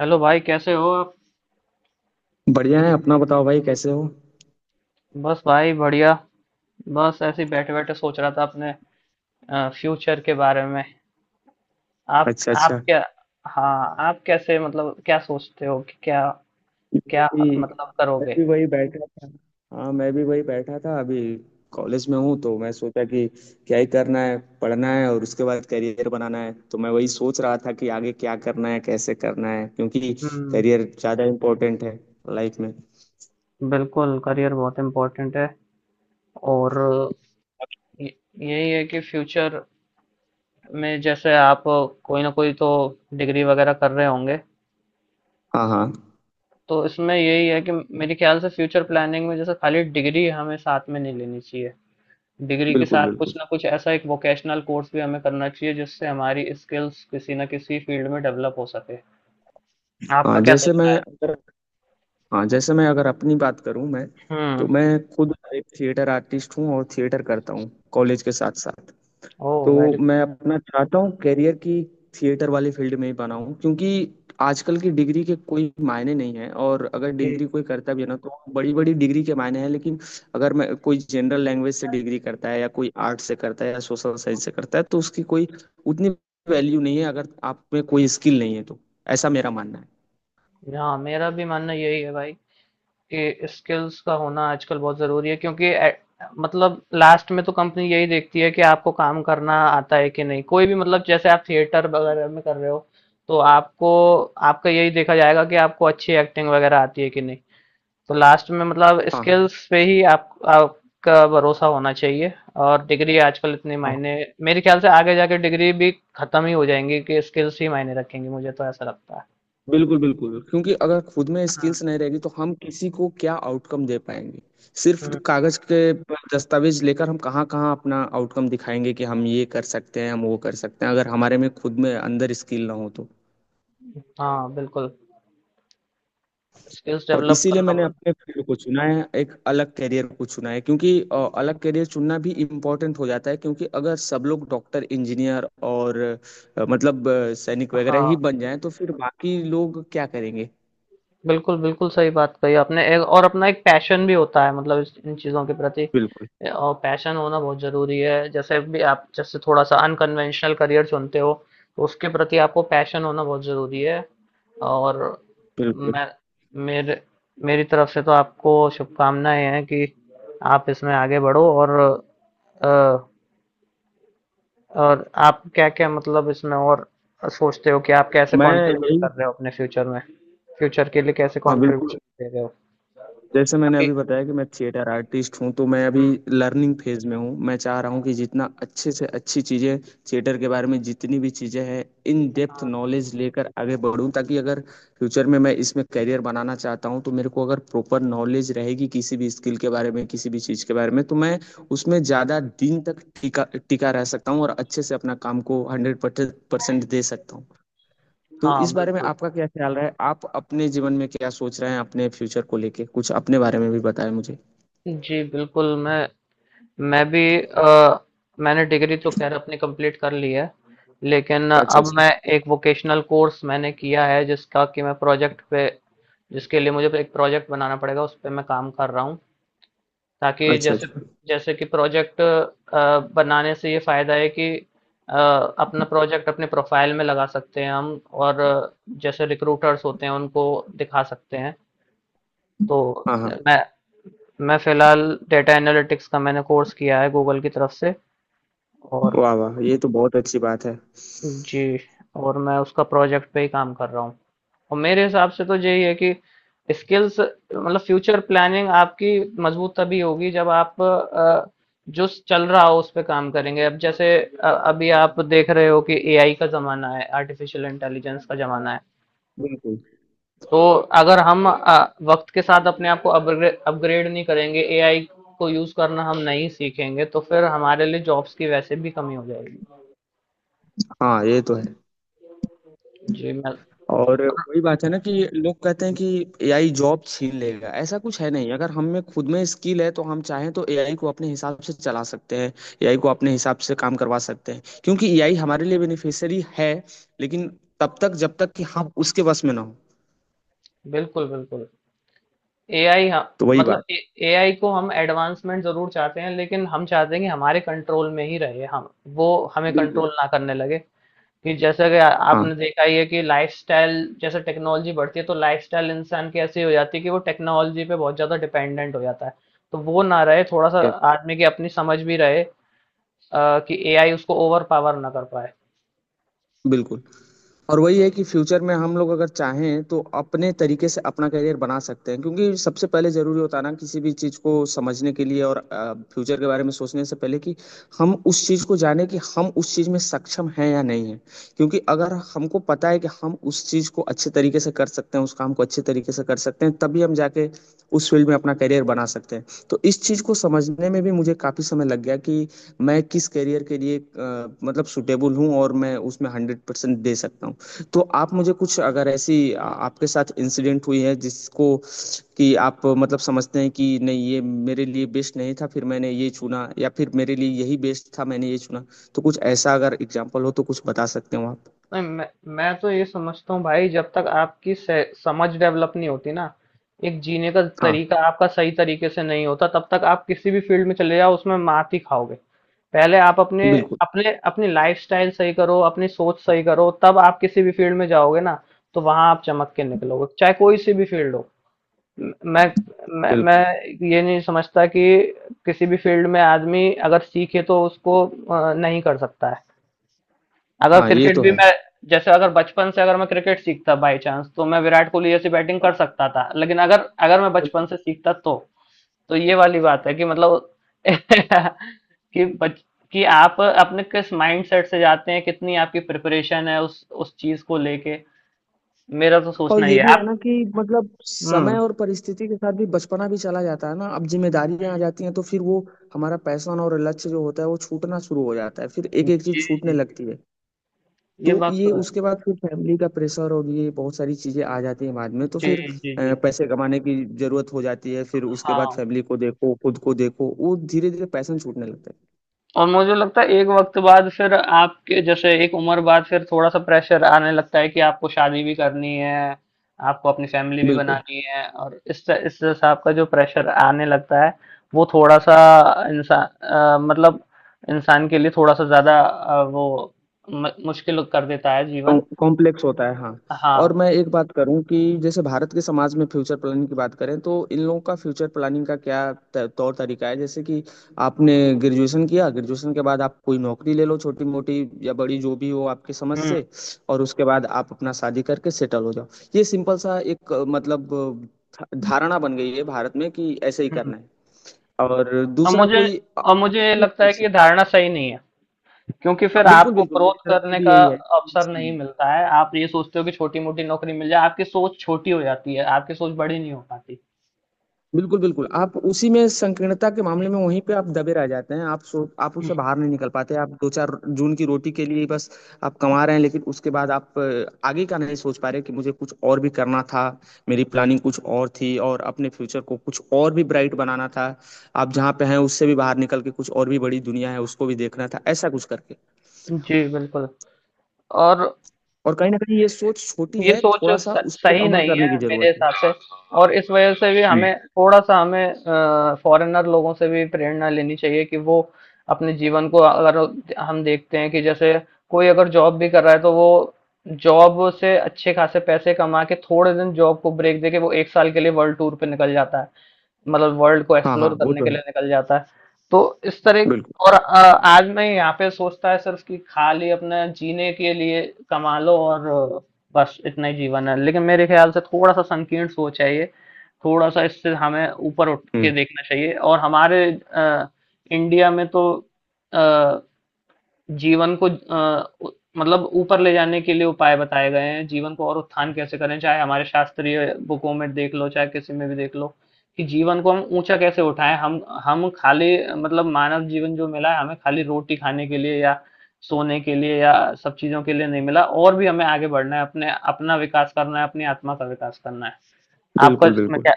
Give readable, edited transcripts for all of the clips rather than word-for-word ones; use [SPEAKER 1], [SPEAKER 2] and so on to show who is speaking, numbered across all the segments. [SPEAKER 1] Hello भाई कैसे हो आप।
[SPEAKER 2] बढ़िया है। अपना बताओ भाई, कैसे हो?
[SPEAKER 1] बस भाई बढ़िया। बस ऐसे ही बैठे बैठे सोच रहा था अपने फ्यूचर के बारे में। आप
[SPEAKER 2] अच्छा
[SPEAKER 1] आप
[SPEAKER 2] अच्छा।
[SPEAKER 1] क्या। हाँ आप कैसे मतलब क्या सोचते हो कि क्या।
[SPEAKER 2] मैं
[SPEAKER 1] क्या
[SPEAKER 2] भी
[SPEAKER 1] मतलब
[SPEAKER 2] मैं
[SPEAKER 1] करोगे।
[SPEAKER 2] भी वही बैठा था। हाँ, मैं भी वही बैठा था। अभी कॉलेज में हूँ तो मैं सोचा कि क्या ही करना है, पढ़ना है और उसके बाद करियर बनाना है। तो मैं वही सोच रहा था कि आगे क्या करना है, कैसे करना है, क्योंकि
[SPEAKER 1] हम्म।
[SPEAKER 2] करियर ज़्यादा इम्पोर्टेंट है लाइफ में।
[SPEAKER 1] बिल्कुल करियर बहुत इम्पोर्टेंट है। और य- यही है कि फ्यूचर में जैसे आप कोई ना कोई तो डिग्री वगैरह कर रहे होंगे।
[SPEAKER 2] हाँ हाँ।
[SPEAKER 1] तो इसमें यही है कि मेरे ख्याल से फ्यूचर प्लानिंग में जैसे खाली डिग्री हमें साथ में नहीं लेनी चाहिए। डिग्री के
[SPEAKER 2] बिल्कुल
[SPEAKER 1] साथ कुछ
[SPEAKER 2] बिल्कुल।
[SPEAKER 1] ना कुछ ऐसा एक वोकेशनल कोर्स भी हमें करना चाहिए, जिससे हमारी स्किल्स किसी न किसी फील्ड में डेवलप हो सके। आपका
[SPEAKER 2] हाँ
[SPEAKER 1] क्या
[SPEAKER 2] जैसे
[SPEAKER 1] सोचना
[SPEAKER 2] मैं
[SPEAKER 1] है?
[SPEAKER 2] अगर हाँ, जैसे मैं अगर अपनी बात करूँ, मैं तो
[SPEAKER 1] हुँ।
[SPEAKER 2] मैं खुद एक थिएटर आर्टिस्ट हूँ और थिएटर करता हूँ कॉलेज के साथ साथ।
[SPEAKER 1] ओह!
[SPEAKER 2] तो
[SPEAKER 1] वेरी
[SPEAKER 2] मैं
[SPEAKER 1] गुड।
[SPEAKER 2] अपना चाहता हूँ कैरियर की थिएटर वाले फील्ड में ही बनाऊँ, क्योंकि आजकल की डिग्री के कोई मायने नहीं है। और अगर
[SPEAKER 1] जी।
[SPEAKER 2] डिग्री कोई करता भी है ना तो बड़ी बड़ी डिग्री के मायने हैं, लेकिन अगर मैं कोई जनरल लैंग्वेज से डिग्री करता है या कोई आर्ट से करता है या सोशल साइंस से करता है तो उसकी कोई उतनी वैल्यू नहीं है, अगर आप में कोई स्किल नहीं है तो। ऐसा मेरा मानना है।
[SPEAKER 1] हाँ, मेरा भी मानना यही है भाई कि स्किल्स का होना आजकल बहुत ज़रूरी है क्योंकि ए मतलब लास्ट में तो कंपनी यही देखती है कि आपको काम करना आता है कि नहीं। कोई भी मतलब जैसे आप थिएटर वगैरह में कर रहे हो, तो आपको आपका यही देखा जाएगा कि आपको अच्छी एक्टिंग वगैरह आती है कि नहीं। तो लास्ट में मतलब
[SPEAKER 2] हाँ
[SPEAKER 1] स्किल्स पे ही आप आपका भरोसा होना चाहिए। और डिग्री आजकल इतनी
[SPEAKER 2] हाँ।
[SPEAKER 1] मायने, मेरे ख्याल से आगे जाके डिग्री भी खत्म ही हो जाएंगी कि स्किल्स ही मायने रखेंगी, मुझे तो ऐसा लगता है।
[SPEAKER 2] बिल्कुल बिल्कुल, क्योंकि अगर खुद में
[SPEAKER 1] हम्म।
[SPEAKER 2] स्किल्स नहीं रहेगी तो हम किसी को क्या आउटकम दे पाएंगे। सिर्फ
[SPEAKER 1] हम्म।
[SPEAKER 2] कागज के दस्तावेज लेकर हम कहाँ कहाँ अपना आउटकम दिखाएंगे कि हम ये कर सकते हैं, हम वो कर सकते हैं, अगर हमारे में खुद में अंदर स्किल ना हो तो।
[SPEAKER 1] हाँ बिल्कुल, स्किल्स
[SPEAKER 2] और
[SPEAKER 1] डेवलप
[SPEAKER 2] इसीलिए
[SPEAKER 1] करना
[SPEAKER 2] मैंने
[SPEAKER 1] बहुत।
[SPEAKER 2] अपने फील्ड को चुना है, एक अलग करियर को चुना है, क्योंकि अलग करियर चुनना भी इम्पोर्टेंट हो जाता है, क्योंकि अगर सब लोग डॉक्टर इंजीनियर और मतलब सैनिक वगैरह ही
[SPEAKER 1] हाँ
[SPEAKER 2] बन जाएं तो फिर बाकी लोग क्या करेंगे।
[SPEAKER 1] बिल्कुल, बिल्कुल सही बात कही आपने। ए और अपना एक पैशन भी होता है मतलब इस इन चीज़ों के प्रति।
[SPEAKER 2] बिल्कुल
[SPEAKER 1] और पैशन होना बहुत ज़रूरी है। जैसे भी आप जैसे थोड़ा-सा अनकन्वेंशनल करियर चुनते हो, तो उसके प्रति आपको पैशन होना बहुत ज़रूरी है। और
[SPEAKER 2] बिल्कुल।
[SPEAKER 1] मैं मेरे मेरी तरफ से तो आपको शुभकामनाएँ हैं कि आप इसमें आगे बढ़ो। और अ और आप क्या-क्या मतलब इसमें और सोचते हो कि आप कैसे
[SPEAKER 2] मैं
[SPEAKER 1] कंट्रीब्यूट
[SPEAKER 2] यही
[SPEAKER 1] कर रहे हो अपने फ्यूचर में? फ्यूचर के लिए कैसे
[SPEAKER 2] हाँ बिल्कुल।
[SPEAKER 1] कंट्रीब्यूशन दे रहे हो?
[SPEAKER 2] जैसे मैंने
[SPEAKER 1] अभी।
[SPEAKER 2] अभी बताया कि मैं थिएटर आर्टिस्ट हूँ तो मैं अभी
[SPEAKER 1] हुँ,
[SPEAKER 2] लर्निंग फेज में हूँ। मैं चाह रहा हूँ कि जितना अच्छे से अच्छी चीज़ें, थिएटर के बारे में जितनी भी चीज़ें हैं, इन डेप्थ
[SPEAKER 1] हाँ,
[SPEAKER 2] नॉलेज लेकर आगे बढ़ूँ, ताकि अगर फ्यूचर में मैं इसमें करियर बनाना चाहता हूँ तो मेरे को अगर प्रॉपर नॉलेज रहेगी किसी भी स्किल के बारे में, किसी भी चीज़ के बारे में, तो मैं उसमें ज़्यादा दिन तक टिका टिका रह सकता हूँ और अच्छे से अपना काम को 100% दे सकता हूँ। तो
[SPEAKER 1] हाँ,
[SPEAKER 2] इस बारे में
[SPEAKER 1] बिल्कुल।
[SPEAKER 2] आपका क्या ख्याल रहा है? आप अपने जीवन में क्या सोच रहे हैं, अपने फ्यूचर को लेके? कुछ अपने बारे में भी बताएं मुझे।
[SPEAKER 1] जी, बिल्कुल, मैं भी, मैंने डिग्री तो ख़ैर अपनी कंप्लीट कर ली है, लेकिन
[SPEAKER 2] अच्छा
[SPEAKER 1] अब
[SPEAKER 2] अच्छा।
[SPEAKER 1] मैं एक वोकेशनल कोर्स मैंने किया है जिसका कि मैं प्रोजेक्ट पे, जिसके लिए मुझे एक प्रोजेक्ट बनाना पड़ेगा, उस पे मैं काम कर रहा हूँ। ताकि
[SPEAKER 2] अच्छा
[SPEAKER 1] जैसे
[SPEAKER 2] अच्छा।
[SPEAKER 1] जैसे कि प्रोजेक्ट बनाने से ये फायदा है कि, अ, अपना प्रोजेक्ट अपने प्रोफाइल में लगा सकते हैं हम। और जैसे रिक्रूटर्स होते हैं उनको दिखा सकते हैं। तो
[SPEAKER 2] हाँ हाँ।
[SPEAKER 1] मैं मैं फिलहाल डेटा एनालिटिक्स का मैंने कोर्स किया है गूगल की तरफ से। और
[SPEAKER 2] वाह वाह, ये तो बहुत अच्छी बात है।
[SPEAKER 1] जी, और मैं उसका प्रोजेक्ट पे ही काम कर रहा हूँ। और मेरे हिसाब से तो यही है कि स्किल्स मतलब फ्यूचर प्लानिंग आपकी मजबूत तभी होगी जब आप, जो चल रहा हो उस पे काम करेंगे। अब जैसे अभी आप देख रहे हो कि एआई का जमाना है, आर्टिफिशियल इंटेलिजेंस का जमाना है।
[SPEAKER 2] बिल्कुल।
[SPEAKER 1] तो अगर हम वक्त के साथ अपने आप को अपग्रेड अपग्रेड नहीं करेंगे, एआई को यूज करना हम नहीं सीखेंगे, तो फिर हमारे लिए जॉब्स की वैसे भी कमी हो जाएगी।
[SPEAKER 2] हाँ, ये तो है।
[SPEAKER 1] जी मैं,
[SPEAKER 2] और वही बात है ना कि लोग कहते हैं कि एआई जॉब छीन लेगा, ऐसा कुछ है नहीं। अगर हम में खुद में स्किल है तो हम चाहें तो एआई को अपने हिसाब से चला सकते हैं, एआई को अपने हिसाब से काम करवा सकते हैं, क्योंकि एआई हमारे लिए बेनिफिशियरी है। लेकिन तब तक, जब तक कि हम उसके वश में ना हो।
[SPEAKER 1] बिल्कुल बिल्कुल। एआई हाँ,
[SPEAKER 2] तो वही
[SPEAKER 1] मतलब
[SPEAKER 2] बात।
[SPEAKER 1] एआई को हम एडवांसमेंट जरूर चाहते हैं लेकिन हम चाहते हैं कि हमारे कंट्रोल में ही रहे, हम वो, हमें कंट्रोल
[SPEAKER 2] बिल्कुल।
[SPEAKER 1] ना करने लगे। कि जैसे कि
[SPEAKER 2] हाँ।
[SPEAKER 1] आपने देखा ही है कि लाइफस्टाइल, जैसे टेक्नोलॉजी बढ़ती है तो लाइफस्टाइल इंसान की ऐसी हो जाती है कि वो टेक्नोलॉजी पे बहुत ज्यादा डिपेंडेंट हो जाता है। तो वो ना रहे थोड़ा सा,
[SPEAKER 2] यस।
[SPEAKER 1] आदमी की अपनी समझ भी रहे, कि एआई उसको ओवर पावर ना कर पाए।
[SPEAKER 2] बिल्कुल। और वही है कि फ्यूचर में हम लोग अगर चाहें तो अपने तरीके से अपना करियर बना सकते हैं, क्योंकि सबसे पहले जरूरी होता है ना किसी भी चीज को समझने के लिए, और फ्यूचर के बारे में सोचने से पहले, कि हम उस चीज को जाने कि हम उस चीज में सक्षम हैं या नहीं है। क्योंकि अगर हमको पता है कि हम उस चीज को अच्छे तरीके से कर सकते हैं, उस काम को अच्छे तरीके से कर सकते हैं, तभी हम जाके उस फील्ड में अपना करियर बना सकते हैं। तो इस चीज को समझने में भी मुझे काफी समय लग गया कि मैं किस करियर के लिए मतलब सुटेबल हूँ और मैं उसमें 100% दे सकता हूँ। तो आप मुझे कुछ अगर ऐसी आपके साथ इंसिडेंट हुई है जिसको कि आप मतलब समझते हैं कि नहीं, ये मेरे लिए बेस्ट नहीं था, फिर मैंने ये चुना, या फिर मेरे लिए यही बेस्ट था, मैंने ये चुना, तो कुछ ऐसा अगर एग्जाम्पल हो तो कुछ बता सकते हो आप?
[SPEAKER 1] नहीं, मैं तो ये समझता हूँ भाई, जब तक आपकी समझ डेवलप नहीं होती ना, एक जीने का
[SPEAKER 2] हाँ
[SPEAKER 1] तरीका आपका सही तरीके से नहीं होता, तब तक आप किसी भी फील्ड में चले जाओ उसमें मात ही खाओगे। पहले आप अपने
[SPEAKER 2] बिल्कुल।
[SPEAKER 1] अपने अपनी लाइफस्टाइल सही करो, अपनी सोच सही करो, तब आप किसी भी फील्ड में जाओगे ना, तो वहां आप चमक के निकलोगे चाहे कोई सी भी फील्ड हो। म- मैं मैं
[SPEAKER 2] बिल्कुल।
[SPEAKER 1] ये नहीं समझता कि किसी भी फील्ड में आदमी अगर सीखे तो उसको, नहीं कर सकता है। अगर
[SPEAKER 2] हाँ, ये
[SPEAKER 1] क्रिकेट
[SPEAKER 2] तो
[SPEAKER 1] भी
[SPEAKER 2] है।
[SPEAKER 1] मैं, जैसे अगर बचपन से अगर मैं क्रिकेट सीखता बाय चांस तो मैं विराट कोहली जैसी बैटिंग कर सकता था, लेकिन अगर, अगर मैं बचपन
[SPEAKER 2] बिल्कुल।
[SPEAKER 1] से सीखता तो ये वाली बात है कि मतलब कि बच कि आप अपने किस माइंड सेट से जाते हैं, कितनी आपकी प्रिपरेशन है उस चीज को लेके। मेरा तो
[SPEAKER 2] और
[SPEAKER 1] सोचना ही
[SPEAKER 2] ये
[SPEAKER 1] है
[SPEAKER 2] भी है
[SPEAKER 1] आप।
[SPEAKER 2] ना कि मतलब
[SPEAKER 1] हम्म।
[SPEAKER 2] समय और परिस्थिति के साथ भी बचपना भी चला जाता है ना, अब जिम्मेदारियां आ जाती हैं, तो फिर वो हमारा पैशन और लक्ष्य जो होता है वो छूटना शुरू हो जाता है, फिर एक एक
[SPEAKER 1] जी
[SPEAKER 2] चीज छूटने
[SPEAKER 1] जी जी।
[SPEAKER 2] लगती है। तो
[SPEAKER 1] ये बात
[SPEAKER 2] ये
[SPEAKER 1] तो है।
[SPEAKER 2] उसके बाद फिर फैमिली का प्रेशर और ये बहुत सारी चीजें आ जाती हैं बाद में, तो
[SPEAKER 1] जी
[SPEAKER 2] फिर
[SPEAKER 1] जी जी।
[SPEAKER 2] पैसे कमाने की जरूरत हो जाती है, फिर उसके बाद
[SPEAKER 1] हाँ,
[SPEAKER 2] फैमिली को देखो, खुद को देखो, वो धीरे धीरे पैशन छूटने लगता है।
[SPEAKER 1] और मुझे लगता है एक वक्त बाद फिर आपके जैसे एक उम्र बाद फिर थोड़ा-सा प्रेशर आने लगता है कि आपको शादी भी करनी है, आपको अपनी फैमिली भी
[SPEAKER 2] बिल्कुल।
[SPEAKER 1] बनानी है, और इस हिसाब का जो प्रेशर आने लगता है, वो थोड़ा-सा, इंसा अ, मतलब इंसान के लिए थोड़ा-सा ज़्यादा, वो म मुश्किल कर देता है जीवन।
[SPEAKER 2] कॉम्प्लेक्स होता है हाँ। और
[SPEAKER 1] हाँ।
[SPEAKER 2] मैं एक बात करूं कि जैसे भारत के समाज में फ्यूचर प्लानिंग की बात करें तो इन लोगों का फ्यूचर प्लानिंग का क्या तौर तरीका है? जैसे कि आपने ग्रेजुएशन किया, ग्रेजुएशन के बाद आप कोई नौकरी ले लो, छोटी मोटी या बड़ी जो भी हो आपकी समझ
[SPEAKER 1] हुँ,
[SPEAKER 2] से, और उसके बाद आप अपना शादी करके सेटल हो जाओ। ये सिंपल सा एक मतलब धारणा बन गई है भारत में कि ऐसे ही
[SPEAKER 1] हुँ।
[SPEAKER 2] करना है और
[SPEAKER 1] और
[SPEAKER 2] दूसरा
[SPEAKER 1] मुझे
[SPEAKER 2] कोई।
[SPEAKER 1] और मुझे लगता है कि ये धारणा सही नहीं है। क्योंकि फिर
[SPEAKER 2] बिल्कुल
[SPEAKER 1] आपको
[SPEAKER 2] बिल्कुल, मेरी
[SPEAKER 1] ग्रोथ
[SPEAKER 2] तरफ से
[SPEAKER 1] करने
[SPEAKER 2] भी
[SPEAKER 1] का
[SPEAKER 2] यही है।
[SPEAKER 1] अवसर
[SPEAKER 2] सही नहीं।
[SPEAKER 1] नहीं मिलता है, आप ये सोचते हो कि छोटी मोटी नौकरी मिल जाए, आपकी सोच छोटी हो जाती है, आपकी सोच बड़ी नहीं हो पाती।
[SPEAKER 2] बिल्कुल बिल्कुल। आप उसी में संकीर्णता के मामले में वहीं पे आप दबे रह जाते हैं, आप सो आप उससे बाहर नहीं निकल पाते, आप दो चार जून की रोटी के लिए ही बस आप कमा रहे हैं, लेकिन उसके बाद आप आगे का नहीं सोच पा रहे कि मुझे कुछ और भी करना था, मेरी प्लानिंग कुछ और थी, और अपने फ्यूचर को कुछ और भी ब्राइट बनाना था, आप जहाँ पे हैं उससे भी बाहर निकल के कुछ और भी बड़ी दुनिया है उसको भी देखना था, ऐसा कुछ करके।
[SPEAKER 1] जी बिल्कुल, और
[SPEAKER 2] और कहीं ना कहीं ये सोच छोटी
[SPEAKER 1] ये
[SPEAKER 2] है,
[SPEAKER 1] सोच
[SPEAKER 2] थोड़ा सा उस पर
[SPEAKER 1] सही
[SPEAKER 2] अमल
[SPEAKER 1] नहीं
[SPEAKER 2] करने
[SPEAKER 1] है
[SPEAKER 2] की
[SPEAKER 1] मेरे
[SPEAKER 2] जरूरत है।
[SPEAKER 1] हिसाब से। और इस वजह से भी
[SPEAKER 2] हम्म।
[SPEAKER 1] हमें थोड़ा सा हमें फॉरेनर लोगों से भी प्रेरणा लेनी चाहिए कि वो अपने जीवन को अगर, हम देखते हैं कि जैसे कोई अगर जॉब भी कर रहा है तो वो जॉब से अच्छे खासे पैसे कमा के थोड़े दिन जॉब को ब्रेक दे के वो एक साल के लिए वर्ल्ड टूर पे निकल जाता है, मतलब वर्ल्ड को
[SPEAKER 2] हाँ हाँ,
[SPEAKER 1] एक्सप्लोर
[SPEAKER 2] वो
[SPEAKER 1] करने
[SPEAKER 2] तो
[SPEAKER 1] के लिए
[SPEAKER 2] है।
[SPEAKER 1] निकल जाता है। तो इस तरह,
[SPEAKER 2] बिल्कुल।
[SPEAKER 1] और आज मैं यहाँ पे सोचता है सिर्फ कि खाली अपने जीने के लिए कमा लो और, अ, बस इतना ही जीवन है, लेकिन मेरे ख्याल से थोड़ा सा संकीर्ण सोच है ये। थोड़ा सा इससे हमें ऊपर उठ के
[SPEAKER 2] हम्म।
[SPEAKER 1] देखना चाहिए। और हमारे अ, इंडिया में तो अ, जीवन को अ, उ मतलब ऊपर ले जाने के लिए उपाय बताए गए हैं, जीवन को और उत्थान कैसे करें, चाहे हमारे शास्त्रीय बुकों में देख लो, चाहे किसी में भी देख लो, कि जीवन को हम ऊँचा कैसे उठाएँ। हम खाली मतलब मानव जीवन जो मिला है, हमें खाली रोटी खाने के लिए या सोने के लिए या सब चीज़ों के लिए नहीं मिला, और भी हमें आगे बढ़ना है, अपने अपना विकास करना है, अपनी आत्मा का विकास करना है। आपका
[SPEAKER 2] बिल्कुल
[SPEAKER 1] इसमें
[SPEAKER 2] बिल्कुल।
[SPEAKER 1] क्या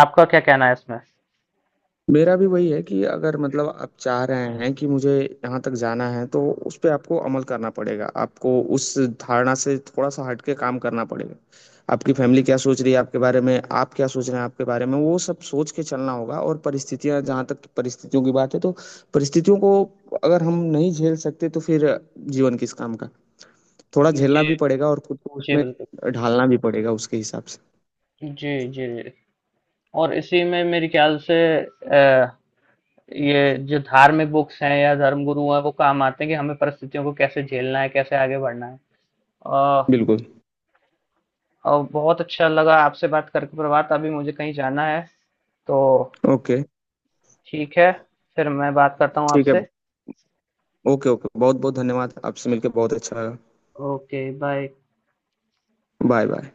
[SPEAKER 1] आपका क्या कहना है इसमें?
[SPEAKER 2] मेरा भी वही है कि अगर मतलब आप चाह रहे हैं कि मुझे यहाँ तक जाना है तो उस पे आपको अमल करना पड़ेगा, आपको उस धारणा से थोड़ा सा हट के काम करना पड़ेगा। आपकी फैमिली क्या सोच रही है आपके बारे में, आप क्या सोच रहे हैं आपके बारे में, वो सब सोच के चलना होगा। और परिस्थितियां, जहाँ तक परिस्थितियों की बात है तो परिस्थितियों को अगर हम नहीं झेल सकते तो फिर जीवन किस काम का। थोड़ा झेलना
[SPEAKER 1] जी,
[SPEAKER 2] भी पड़ेगा और खुद को
[SPEAKER 1] जी,
[SPEAKER 2] उसमें
[SPEAKER 1] बिल्कुल।
[SPEAKER 2] ढालना भी पड़ेगा उसके हिसाब से।
[SPEAKER 1] जी, जी। जी। और इसी में मेरे ख्याल से अ ये जो धार्मिक बुक्स हैं या धर्म गुरु हैं वो काम आते हैं कि हमें परिस्थितियों को कैसे झेलना है, कैसे आगे बढ़ना है। और,
[SPEAKER 2] बिल्कुल।
[SPEAKER 1] और बहुत अच्छा लगा आपसे बात करके प्रभात, अभी मुझे कहीं जाना है तो,
[SPEAKER 2] ओके,
[SPEAKER 1] ठीक है, फिर मैं बात करता हूँ
[SPEAKER 2] ठीक है।
[SPEAKER 1] आपसे।
[SPEAKER 2] ओके ओके, बहुत बहुत धन्यवाद, आपसे मिलकर बहुत अच्छा लगा।
[SPEAKER 1] Okay bye.
[SPEAKER 2] Bye bye.